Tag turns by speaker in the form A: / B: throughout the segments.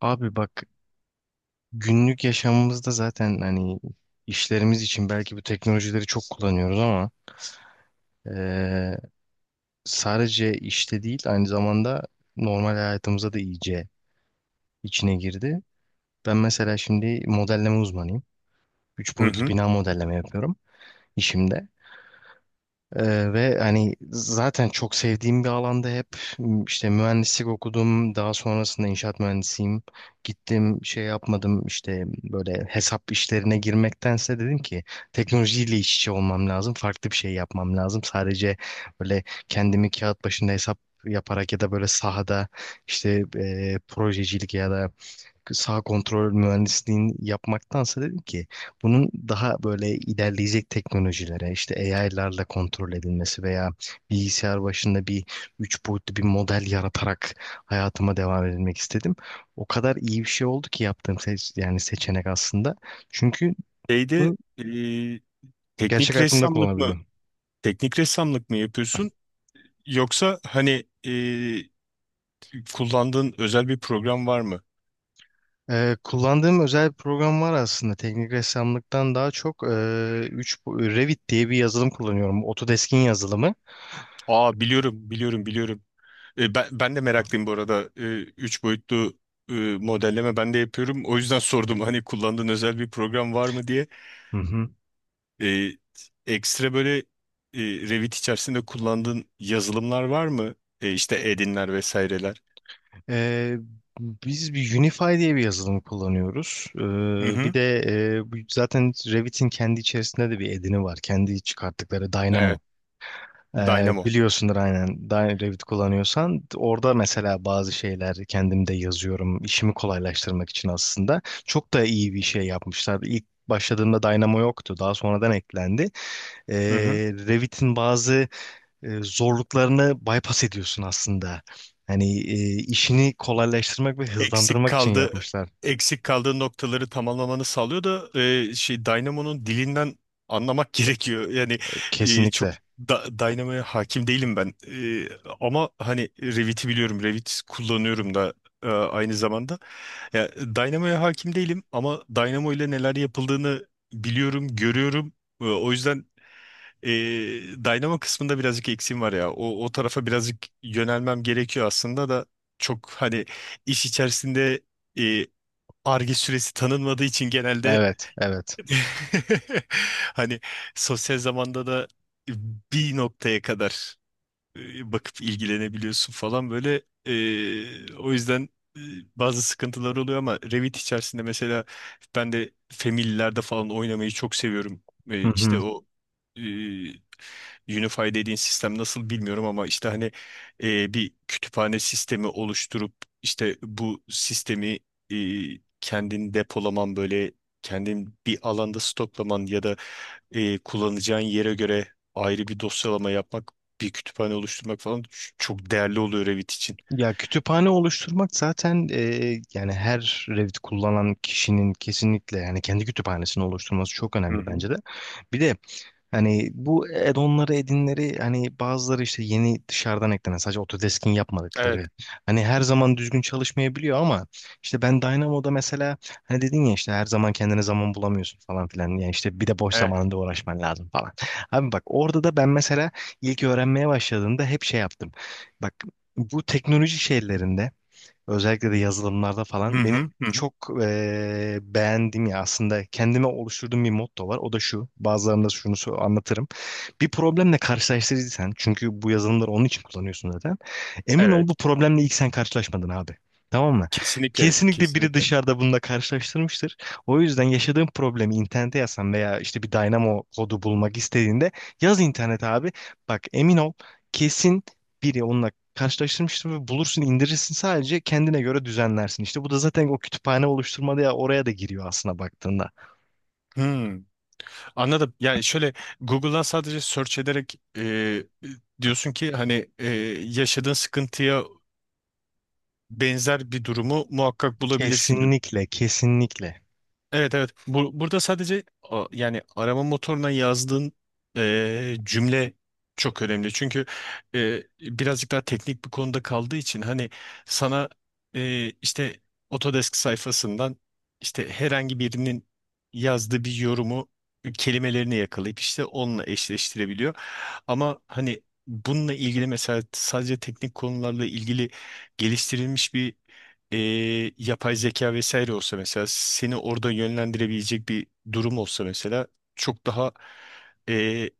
A: Abi bak, günlük yaşamımızda zaten hani işlerimiz için belki bu teknolojileri çok kullanıyoruz ama eee, sadece işte değil, aynı zamanda normal hayatımıza da iyice içine girdi. Ben mesela şimdi modelleme uzmanıyım. Üç
B: Hı
A: boyutlu
B: hı.
A: bina modelleme yapıyorum işimde. Ve hani zaten çok sevdiğim bir alanda hep işte mühendislik okudum. Daha sonrasında inşaat mühendisiyim. Gittim şey yapmadım, işte böyle hesap işlerine girmektense dedim ki teknolojiyle iç içe olmam lazım. Farklı bir şey yapmam lazım. Sadece böyle kendimi kağıt başında hesap yaparak ya da böyle sahada işte projecilik ya da sağ kontrol mühendisliğini yapmaktansa dedim ki bunun daha böyle ilerleyecek teknolojilere işte AI'larla kontrol edilmesi veya bilgisayar başında bir üç boyutlu bir model yaratarak hayatıma devam edilmek istedim. O kadar iyi bir şey oldu ki yaptığım yani seçenek aslında. Çünkü
B: Şeyde
A: bunu
B: e,
A: gerçek
B: teknik
A: hayatımda
B: ressamlık mı
A: kullanabiliyorum.
B: teknik ressamlık mı yapıyorsun yoksa kullandığın özel bir program var mı?
A: Kullandığım özel bir program var aslında. Teknik ressamlıktan daha çok Revit diye bir yazılım kullanıyorum. Autodesk'in yazılımı.
B: Aa, biliyorum. Ben de meraklıyım bu arada. Üç boyutlu e, modelleme ben de yapıyorum. O yüzden sordum hani kullandığın özel bir program var mı diye.
A: Hı hı.
B: E, Ekstra Revit içerisinde kullandığın yazılımlar var mı? İşte Edinler vesaireler.
A: Ee, Biz bir Unify diye bir yazılım kullanıyoruz.
B: Hı
A: Bir
B: hı.
A: de zaten Revit'in kendi içerisinde de bir edini var. Kendi çıkarttıkları Dynamo.
B: Evet. Dynamo.
A: Biliyorsundur aynen. Revit kullanıyorsan orada mesela bazı şeyler kendim de yazıyorum işimi kolaylaştırmak için. Aslında çok da iyi bir şey yapmışlar. İlk başladığımda Dynamo yoktu, daha sonradan eklendi. Ee, Revit'in bazı zorluklarını bypass ediyorsun aslında. Hani işini kolaylaştırmak ve
B: eksik
A: hızlandırmak için
B: kaldı
A: yapmışlar.
B: Eksik kaldığı noktaları tamamlamanı sağlıyor da şey, Dynamo'nun dilinden anlamak gerekiyor. Çok
A: Kesinlikle.
B: da Dynamo'ya hakim değilim ben. Ama hani Revit'i biliyorum. Revit kullanıyorum da aynı zamanda. Ya, Dynamo'ya hakim değilim ama Dynamo ile neler yapıldığını biliyorum, görüyorum. E, o yüzden ee, Dynamo kısmında birazcık eksiğim var ya. O tarafa birazcık yönelmem gerekiyor aslında da çok hani iş içerisinde e, Ar-Ge süresi tanınmadığı için genelde
A: Evet, evet.
B: hani sosyal zamanda da bir noktaya kadar bakıp ilgilenebiliyorsun falan böyle. E, Bazı sıkıntılar oluyor ama Revit içerisinde mesela ben de Family'lerde falan oynamayı çok seviyorum. E,
A: Hı hı.
B: işte o e, Unify dediğin sistem nasıl bilmiyorum ama bir kütüphane sistemi oluşturup işte bu sistemi e, kendin depolaman, böyle kendin bir alanda stoklaman ya da kullanacağın yere göre ayrı bir dosyalama yapmak, bir kütüphane oluşturmak falan çok değerli oluyor Revit için.
A: Ya kütüphane oluşturmak zaten yani her Revit kullanan kişinin kesinlikle yani kendi kütüphanesini oluşturması çok
B: Hı
A: önemli
B: hı.
A: bence de. Bir de hani bu add-on'ları, edinleri, hani bazıları işte yeni dışarıdan eklenen, sadece Autodesk'in
B: Evet,
A: yapmadıkları hani her zaman düzgün çalışmayabiliyor ama işte ben Dynamo'da mesela, hani dedin ya, işte her zaman kendine zaman bulamıyorsun falan filan, yani işte bir de boş
B: evet.
A: zamanında uğraşman lazım falan. Abi bak, orada da ben mesela ilk öğrenmeye başladığımda hep şey yaptım. Bak, bu teknoloji şeylerinde, özellikle de yazılımlarda
B: Hı
A: falan benim
B: hı, hı hı.
A: çok beğendiğim, ya aslında kendime oluşturduğum bir motto var. O da şu. Bazılarında şunu anlatırım. Bir problemle karşılaştırırsan, çünkü bu yazılımları onun için kullanıyorsun zaten. Emin ol bu
B: Evet.
A: problemle ilk sen karşılaşmadın abi. Tamam mı?
B: Kesinlikle,
A: Kesinlikle biri
B: kesinlikle.
A: dışarıda bununla karşılaştırmıştır. O yüzden yaşadığın problemi internete yazsan veya işte bir Dynamo kodu bulmak istediğinde yaz internete abi. Bak emin ol, kesin biri onunla karşılaştırmıştım ve bulursun, indirirsin, sadece kendine göre düzenlersin. İşte bu da zaten o kütüphane oluşturmada, ya oraya da giriyor aslında baktığında.
B: Hmm, anladım. Yani şöyle, Google'dan sadece search ederek, diyorsun ki yaşadığın sıkıntıya benzer bir durumu muhakkak bulabilirsin.
A: Kesinlikle, kesinlikle.
B: Evet, evet. Burada yani arama motoruna yazdığın cümle çok önemli. Çünkü birazcık daha teknik bir konuda kaldığı için hani sana işte Autodesk sayfasından, işte herhangi birinin yazdığı bir yorumu, kelimelerini yakalayıp işte onunla eşleştirebiliyor. Ama hani bununla ilgili mesela sadece teknik konularla ilgili geliştirilmiş bir e, yapay zeka vesaire olsa, mesela seni orada yönlendirebilecek bir durum olsa, mesela çok daha e,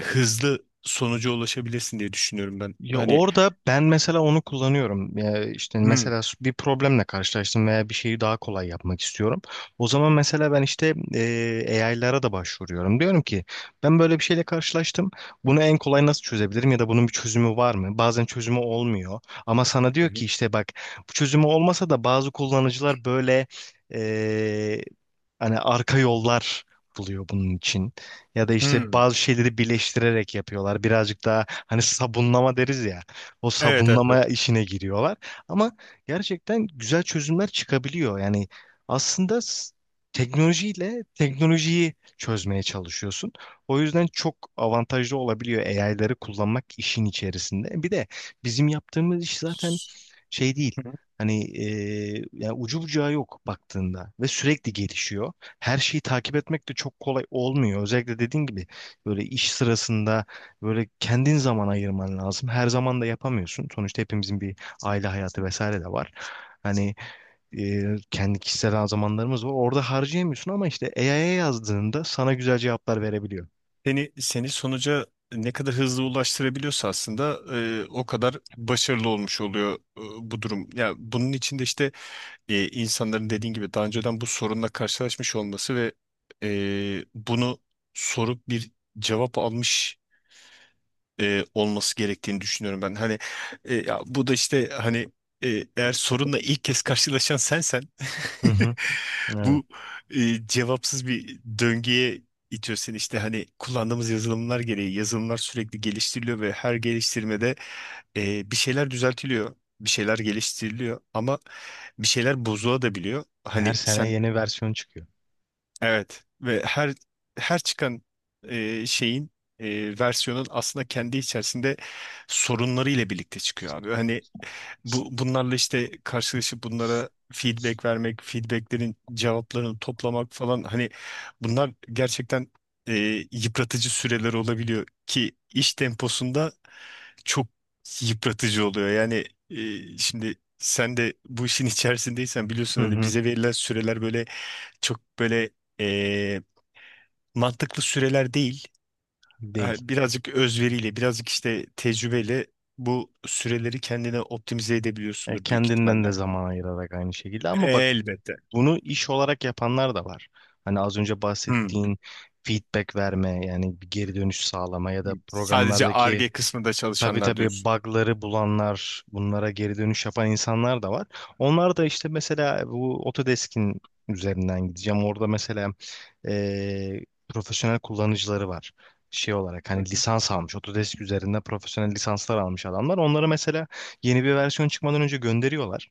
B: hızlı sonuca ulaşabilirsin diye düşünüyorum ben.
A: Ya
B: Hani.
A: orada ben mesela onu kullanıyorum. Ya işte
B: Hmm.
A: mesela bir problemle karşılaştım veya bir şeyi daha kolay yapmak istiyorum. O zaman mesela ben işte AI'lara da başvuruyorum. Diyorum ki ben böyle bir şeyle karşılaştım. Bunu en kolay nasıl çözebilirim ya da bunun bir çözümü var mı? Bazen çözümü olmuyor. Ama sana
B: Hı
A: diyor ki
B: hı.
A: işte bak, bu çözümü olmasa da bazı kullanıcılar böyle e, hani arka yollar buluyor bunun için. Ya da işte
B: Hmm.
A: bazı şeyleri birleştirerek yapıyorlar. Birazcık daha hani sabunlama deriz ya. O
B: Evet, evet. Evet.
A: sabunlama işine giriyorlar. Ama gerçekten güzel çözümler çıkabiliyor. Yani aslında teknolojiyle teknolojiyi çözmeye çalışıyorsun. O yüzden çok avantajlı olabiliyor AI'ları kullanmak işin içerisinde. Bir de bizim yaptığımız iş zaten şey değil.
B: Hı hı.
A: Hani yani ucu bucağı yok baktığında ve sürekli gelişiyor, her şeyi takip etmek de çok kolay olmuyor. Özellikle dediğin gibi böyle iş sırasında böyle kendin zaman ayırman lazım. Her zaman da yapamıyorsun. Sonuçta hepimizin bir aile hayatı vesaire de var. Hani kendi kişisel zamanlarımız var. Orada harcayamıyorsun ama işte AI'ya yazdığında sana güzel cevaplar verebiliyor.
B: Seni sonuca ne kadar hızlı ulaştırabiliyorsa aslında o kadar başarılı olmuş oluyor, bu durum. Ya, bunun içinde insanların dediğin gibi daha önceden bu sorunla karşılaşmış olması ve bunu sorup bir cevap almış olması gerektiğini düşünüyorum ben. Hani ya, bu da işte hani eğer sorunla ilk kez karşılaşan sensen,
A: Hı hı. Evet.
B: bu cevapsız bir döngüye itiyor seni. İşte hani kullandığımız yazılımlar gereği, yazılımlar sürekli geliştiriliyor ve her geliştirmede bir şeyler düzeltiliyor, bir şeyler geliştiriliyor ama bir şeyler bozulabiliyor.
A: Her
B: Hani
A: sene
B: sen,
A: yeni versiyon çıkıyor.
B: evet, ve her çıkan e, şeyin versiyonun aslında kendi içerisinde sorunları ile birlikte çıkıyor abi. Hani bunlarla işte karşılaşıp bunlara feedback vermek, feedbacklerin cevaplarını toplamak falan, hani bunlar gerçekten e, yıpratıcı süreler olabiliyor ki iş temposunda çok yıpratıcı oluyor. Şimdi sen de bu işin içerisindeysen biliyorsun,
A: Hı
B: hani
A: hı.
B: bize verilen süreler böyle çok böyle e, mantıklı süreler değil.
A: Değil.
B: Ha, birazcık özveriyle, birazcık işte tecrübeyle bu süreleri kendine optimize
A: E,
B: edebiliyorsundur büyük
A: kendinden de
B: ihtimalle.
A: zaman ayırarak aynı şekilde, ama bak
B: Elbette.
A: bunu iş olarak yapanlar da var. Hani az önce
B: Hmm.
A: bahsettiğin feedback verme, yani bir geri dönüş sağlama ya da
B: Sadece
A: programlardaki.
B: Ar-Ge kısmında
A: Tabii
B: çalışanlar
A: tabii,
B: diyorsun.
A: bug'ları bulanlar, bunlara geri dönüş yapan insanlar da var. Onlar da işte mesela bu Autodesk'in üzerinden gideceğim. Orada mesela e, profesyonel kullanıcıları var. Şey olarak
B: Hı
A: hani
B: hı.
A: lisans almış, Autodesk üzerinde profesyonel lisanslar almış adamlar. Onlara mesela yeni bir versiyon çıkmadan önce gönderiyorlar.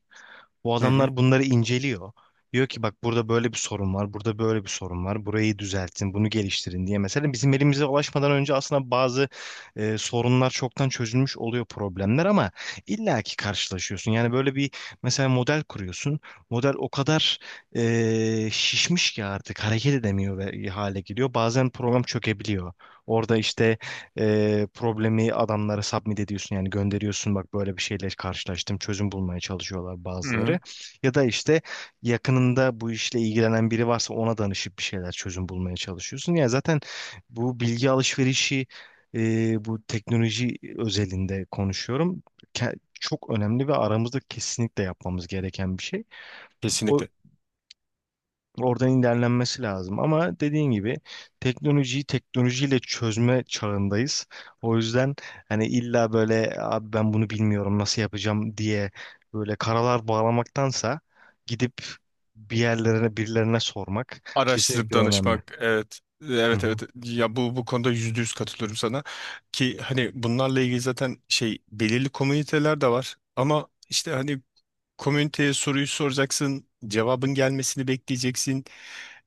A: Bu
B: Hı hı.
A: adamlar bunları inceliyor. Diyor ki bak burada böyle bir sorun var, burada böyle bir sorun var. Burayı düzeltin, bunu geliştirin diye. Mesela bizim elimize ulaşmadan önce aslında bazı sorunlar, çoktan çözülmüş oluyor problemler, ama illaki karşılaşıyorsun. Yani böyle bir, mesela model kuruyorsun. Model o kadar şişmiş ki artık hareket edemiyor ve hale geliyor. Bazen program çökebiliyor. Orada işte problemi adamlara submit ediyorsun, yani gönderiyorsun, bak böyle bir şeyle karşılaştım, çözüm bulmaya çalışıyorlar
B: Hı
A: bazıları.
B: hı.
A: Ya da işte yakınında bu işle ilgilenen biri varsa ona danışıp bir şeyler çözüm bulmaya çalışıyorsun. Ya zaten bu bilgi alışverişi, bu teknoloji özelinde konuşuyorum, çok önemli ve aramızda kesinlikle yapmamız gereken bir şey. O,
B: Kesinlikle.
A: oradan ilerlenmesi lazım ama dediğin gibi teknolojiyi teknolojiyle çözme çağındayız. O yüzden hani illa böyle abi ben bunu bilmiyorum nasıl yapacağım diye böyle karalar bağlamaktansa gidip bir yerlerine, birilerine sormak
B: Araştırıp
A: kesinlikle önemli.
B: danışmak, evet.
A: Hı
B: Evet,
A: hı.
B: evet, ya bu konuda yüzde yüz katılıyorum sana, ki hani bunlarla ilgili zaten şey, belirli komüniteler de var ama işte hani, komüniteye soruyu soracaksın, cevabın gelmesini bekleyeceksin.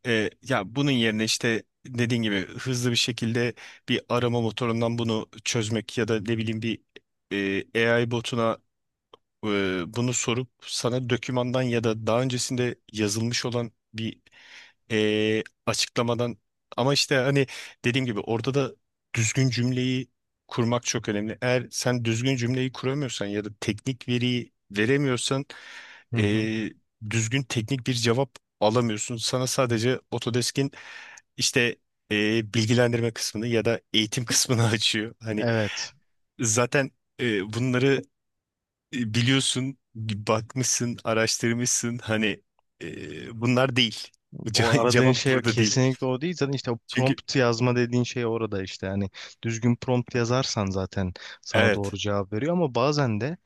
B: Ya, bunun yerine işte dediğin gibi hızlı bir şekilde bir arama motorundan bunu çözmek ya da ne bileyim bir AI botuna e, bunu sorup sana dokümandan ya da daha öncesinde yazılmış olan bir açıklamadan, ama işte hani dediğim gibi orada da düzgün cümleyi kurmak çok önemli. Eğer sen düzgün cümleyi kuramıyorsan ya da teknik veriyi veremiyorsan
A: Hı hı.
B: e, düzgün teknik bir cevap alamıyorsun. Sana sadece Autodesk'in işte bilgilendirme kısmını ya da eğitim kısmını açıyor. Hani
A: Evet.
B: zaten bunları biliyorsun, bakmışsın, araştırmışsın. Hani bunlar değil.
A: O aradığın
B: Cevap
A: şey
B: burada değil. Değil.
A: kesinlikle o değil. Zaten işte o
B: Çünkü
A: prompt yazma dediğin şey orada işte. Yani düzgün prompt yazarsan zaten sana doğru
B: evet.
A: cevap veriyor. Ama bazen de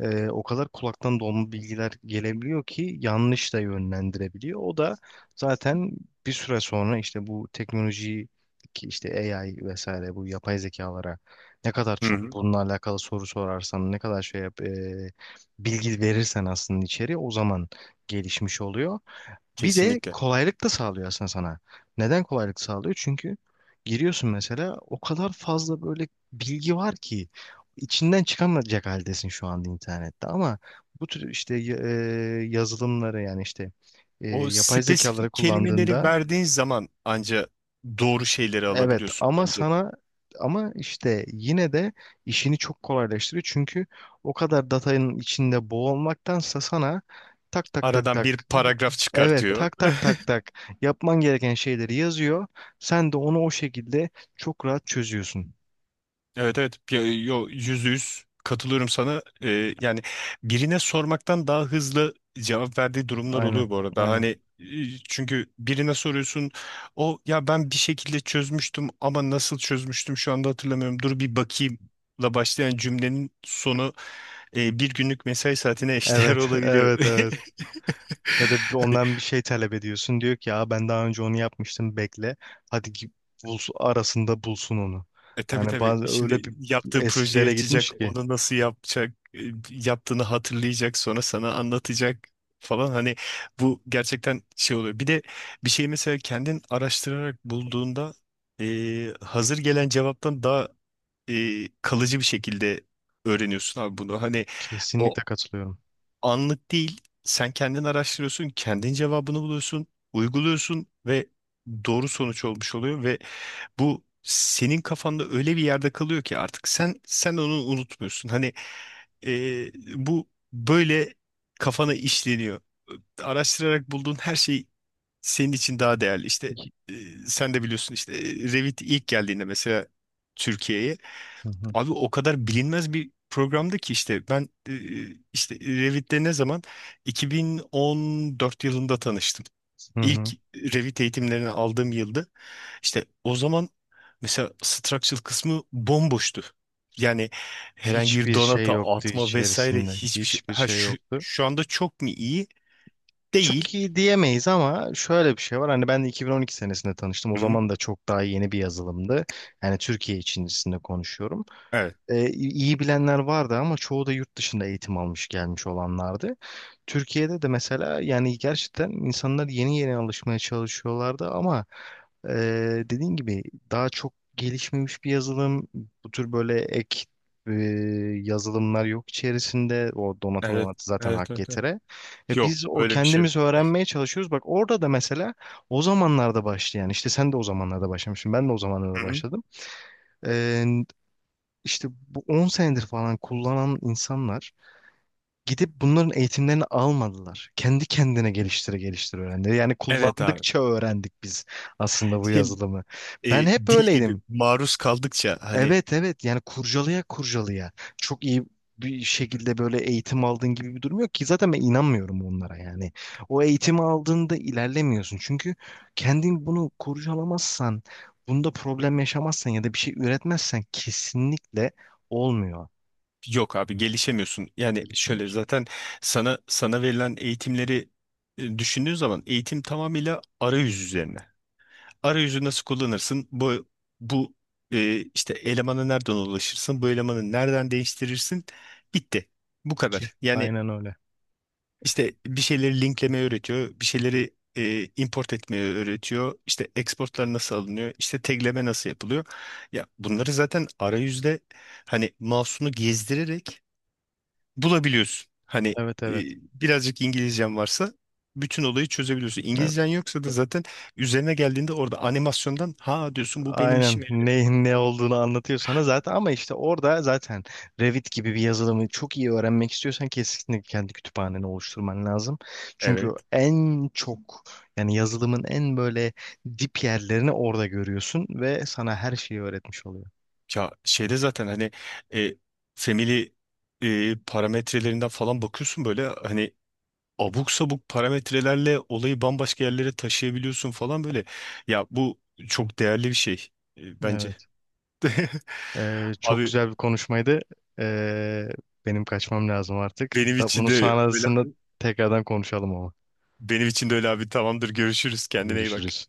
A: o kadar kulaktan dolma bilgiler gelebiliyor ki yanlış da yönlendirebiliyor. O da zaten bir süre sonra işte bu teknolojiyi, ki işte AI vesaire, bu yapay zekalara ne kadar çok
B: Hı-hı.
A: bununla alakalı soru sorarsan, ne kadar şey yap, bilgi verirsen, aslında içeriye o zaman gelişmiş oluyor. Bir de
B: Kesinlikle.
A: kolaylık da sağlıyor aslında sana. Neden kolaylık sağlıyor? Çünkü giriyorsun mesela, o kadar fazla böyle bilgi var ki içinden çıkamayacak haldesin şu anda internette, ama bu tür işte yazılımları, yani işte
B: O
A: yapay zekaları
B: spesifik kelimeleri
A: kullandığında
B: verdiğin zaman anca doğru şeyleri
A: evet,
B: alabiliyorsun
A: ama
B: bence.
A: sana, ama işte yine de işini çok kolaylaştırıyor çünkü o kadar datanın içinde boğulmaktansa sana tak tak tak
B: Aradan bir
A: tak.
B: paragraf
A: Evet,
B: çıkartıyor.
A: tak tak tak tak, yapman gereken şeyleri yazıyor. Sen de onu o şekilde çok rahat çözüyorsun.
B: Evet, evet. Pi- yo Yüzde yüz katılıyorum sana. Yani birine sormaktan daha hızlı cevap verdiği durumlar
A: Aynen,
B: oluyor bu arada, hani
A: aynen.
B: e, çünkü birine soruyorsun, o ya, ben bir şekilde çözmüştüm ama nasıl çözmüştüm şu anda hatırlamıyorum, dur bir bakayım la başlayan cümlenin sonu bir günlük mesai saatine eşdeğer
A: Evet,
B: olabiliyor.
A: evet, evet. Ya da bir- ondan bir şey talep ediyorsun. Diyor ki ya ben daha önce onu yapmıştım, bekle. Hadi ki bulsun, arasında bulsun onu.
B: E, tabii,
A: Yani
B: tabii.
A: bazı
B: Şimdi
A: öyle bir
B: yaptığı projeyi
A: eskilere gitmiş
B: açacak,
A: ki.
B: onu nasıl yapacak, yaptığını hatırlayacak, sonra sana anlatacak falan. Hani bu gerçekten şey oluyor. Bir de bir şeyi mesela kendin araştırarak bulduğunda hazır gelen cevaptan daha kalıcı bir şekilde öğreniyorsun abi bunu. Hani o
A: Kesinlikle katılıyorum.
B: anlık değil, sen kendin araştırıyorsun, kendin cevabını buluyorsun, uyguluyorsun ve doğru sonuç olmuş oluyor ve bu senin kafanda öyle bir yerde kalıyor ki artık sen onu unutmuyorsun. Hani e, bu böyle kafana işleniyor. Araştırarak bulduğun her şey senin için daha değerli. İşte e, sen de biliyorsun, işte Revit ilk geldiğinde mesela Türkiye'ye,
A: Hı hı.
B: abi o kadar bilinmez bir programdı ki işte ben işte Revit'le ne zaman, 2014 yılında tanıştım.
A: Hı
B: İlk
A: hı.
B: Revit eğitimlerini aldığım yılda, işte o zaman mesela structural kısmı bomboştu. Yani herhangi bir
A: Hiçbir şey
B: donata
A: yoktu
B: atma vesaire,
A: içerisinde.
B: hiçbir şey.
A: Hiçbir
B: Ha
A: şey
B: şu,
A: yoktu.
B: şu anda çok mu iyi?
A: Çok
B: Değil.
A: iyi diyemeyiz ama şöyle bir şey var. Hani ben de 2012 senesinde tanıştım. O
B: Hı-hı.
A: zaman da çok daha yeni bir yazılımdı. Yani Türkiye içerisinde konuşuyorum.
B: Evet.
A: İyi bilenler vardı ama çoğu da yurt dışında eğitim almış gelmiş olanlardı. Türkiye'de de mesela yani gerçekten insanlar yeni yeni alışmaya çalışıyorlardı ama e, dediğin gibi daha çok gelişmemiş bir yazılım, bu tür böyle ek e, yazılımlar yok içerisinde. O
B: Evet.
A: donatım zaten
B: Evet.
A: hak
B: Evet. Evet.
A: getire. Ve
B: Yok.
A: biz o
B: Öyle bir şey yok.
A: kendimiz öğrenmeye çalışıyoruz. Bak orada da mesela o zamanlarda başlayan, yani işte sen de o zamanlarda başlamışsın, ben de o zamanlarda
B: Hı-hı.
A: başladım. Ee, işte bu 10 senedir falan kullanan insanlar gidip bunların eğitimlerini almadılar. Kendi kendine geliştire geliştire öğrendi. Yani
B: Evet abi.
A: kullandıkça öğrendik biz aslında bu
B: Şimdi
A: yazılımı.
B: e,
A: Ben hep
B: dil gibi
A: öyleydim.
B: maruz kaldıkça hani,
A: Evet, evet, yani kurcalaya kurcalaya. Çok iyi bir şekilde böyle eğitim aldığın gibi bir durum yok ki zaten, ben inanmıyorum onlara yani. O eğitimi aldığında ilerlemiyorsun çünkü kendin bunu kurcalamazsan, bunda problem yaşamazsan ya da bir şey üretmezsen kesinlikle olmuyor.
B: yok abi, gelişemiyorsun. Yani şöyle
A: Gelişemiyorsun
B: zaten sana verilen eğitimleri düşündüğün zaman, eğitim tamamıyla arayüz üzerine. Arayüzü nasıl kullanırsın? Bu işte elemana nereden ulaşırsın? Bu elemanı nereden değiştirirsin? Bitti. Bu
A: ki.
B: kadar. Yani
A: Aynen öyle.
B: işte bir şeyleri linklemeyi öğretiyor. Bir şeyleri import etmeyi öğretiyor. İşte exportlar nasıl alınıyor? İşte tagleme nasıl yapılıyor? Ya bunları zaten arayüzde hani mouse'unu gezdirerek bulabiliyorsun. Hani
A: Evet,
B: e,
A: evet.
B: birazcık İngilizcen varsa bütün olayı çözebiliyorsun.
A: Evet.
B: İngilizcen yoksa da zaten üzerine geldiğinde orada animasyondan, ha, diyorsun, bu benim
A: Aynen,
B: işime yarıyor.
A: ne, ne olduğunu anlatıyor sana zaten, ama işte orada zaten Revit gibi bir yazılımı çok iyi öğrenmek istiyorsan kesinlikle kendi kütüphaneni oluşturman lazım. Çünkü
B: Evet.
A: en çok, yani yazılımın en böyle dip yerlerini orada görüyorsun ve sana her şeyi öğretmiş oluyor.
B: Ya şeyde zaten e, family parametrelerinden falan bakıyorsun, böyle hani abuk sabuk parametrelerle olayı bambaşka yerlere taşıyabiliyorsun falan böyle. Ya bu çok değerli bir şey bence.
A: Evet. Çok
B: Abi,
A: güzel bir konuşmaydı. Ee, Benim kaçmam lazım artık.
B: benim
A: Da,
B: için
A: bunu
B: de öyle,
A: sonrasında tekrardan konuşalım ama.
B: benim için de öyle abi, tamamdır, görüşürüz, kendine iyi bak.
A: Görüşürüz.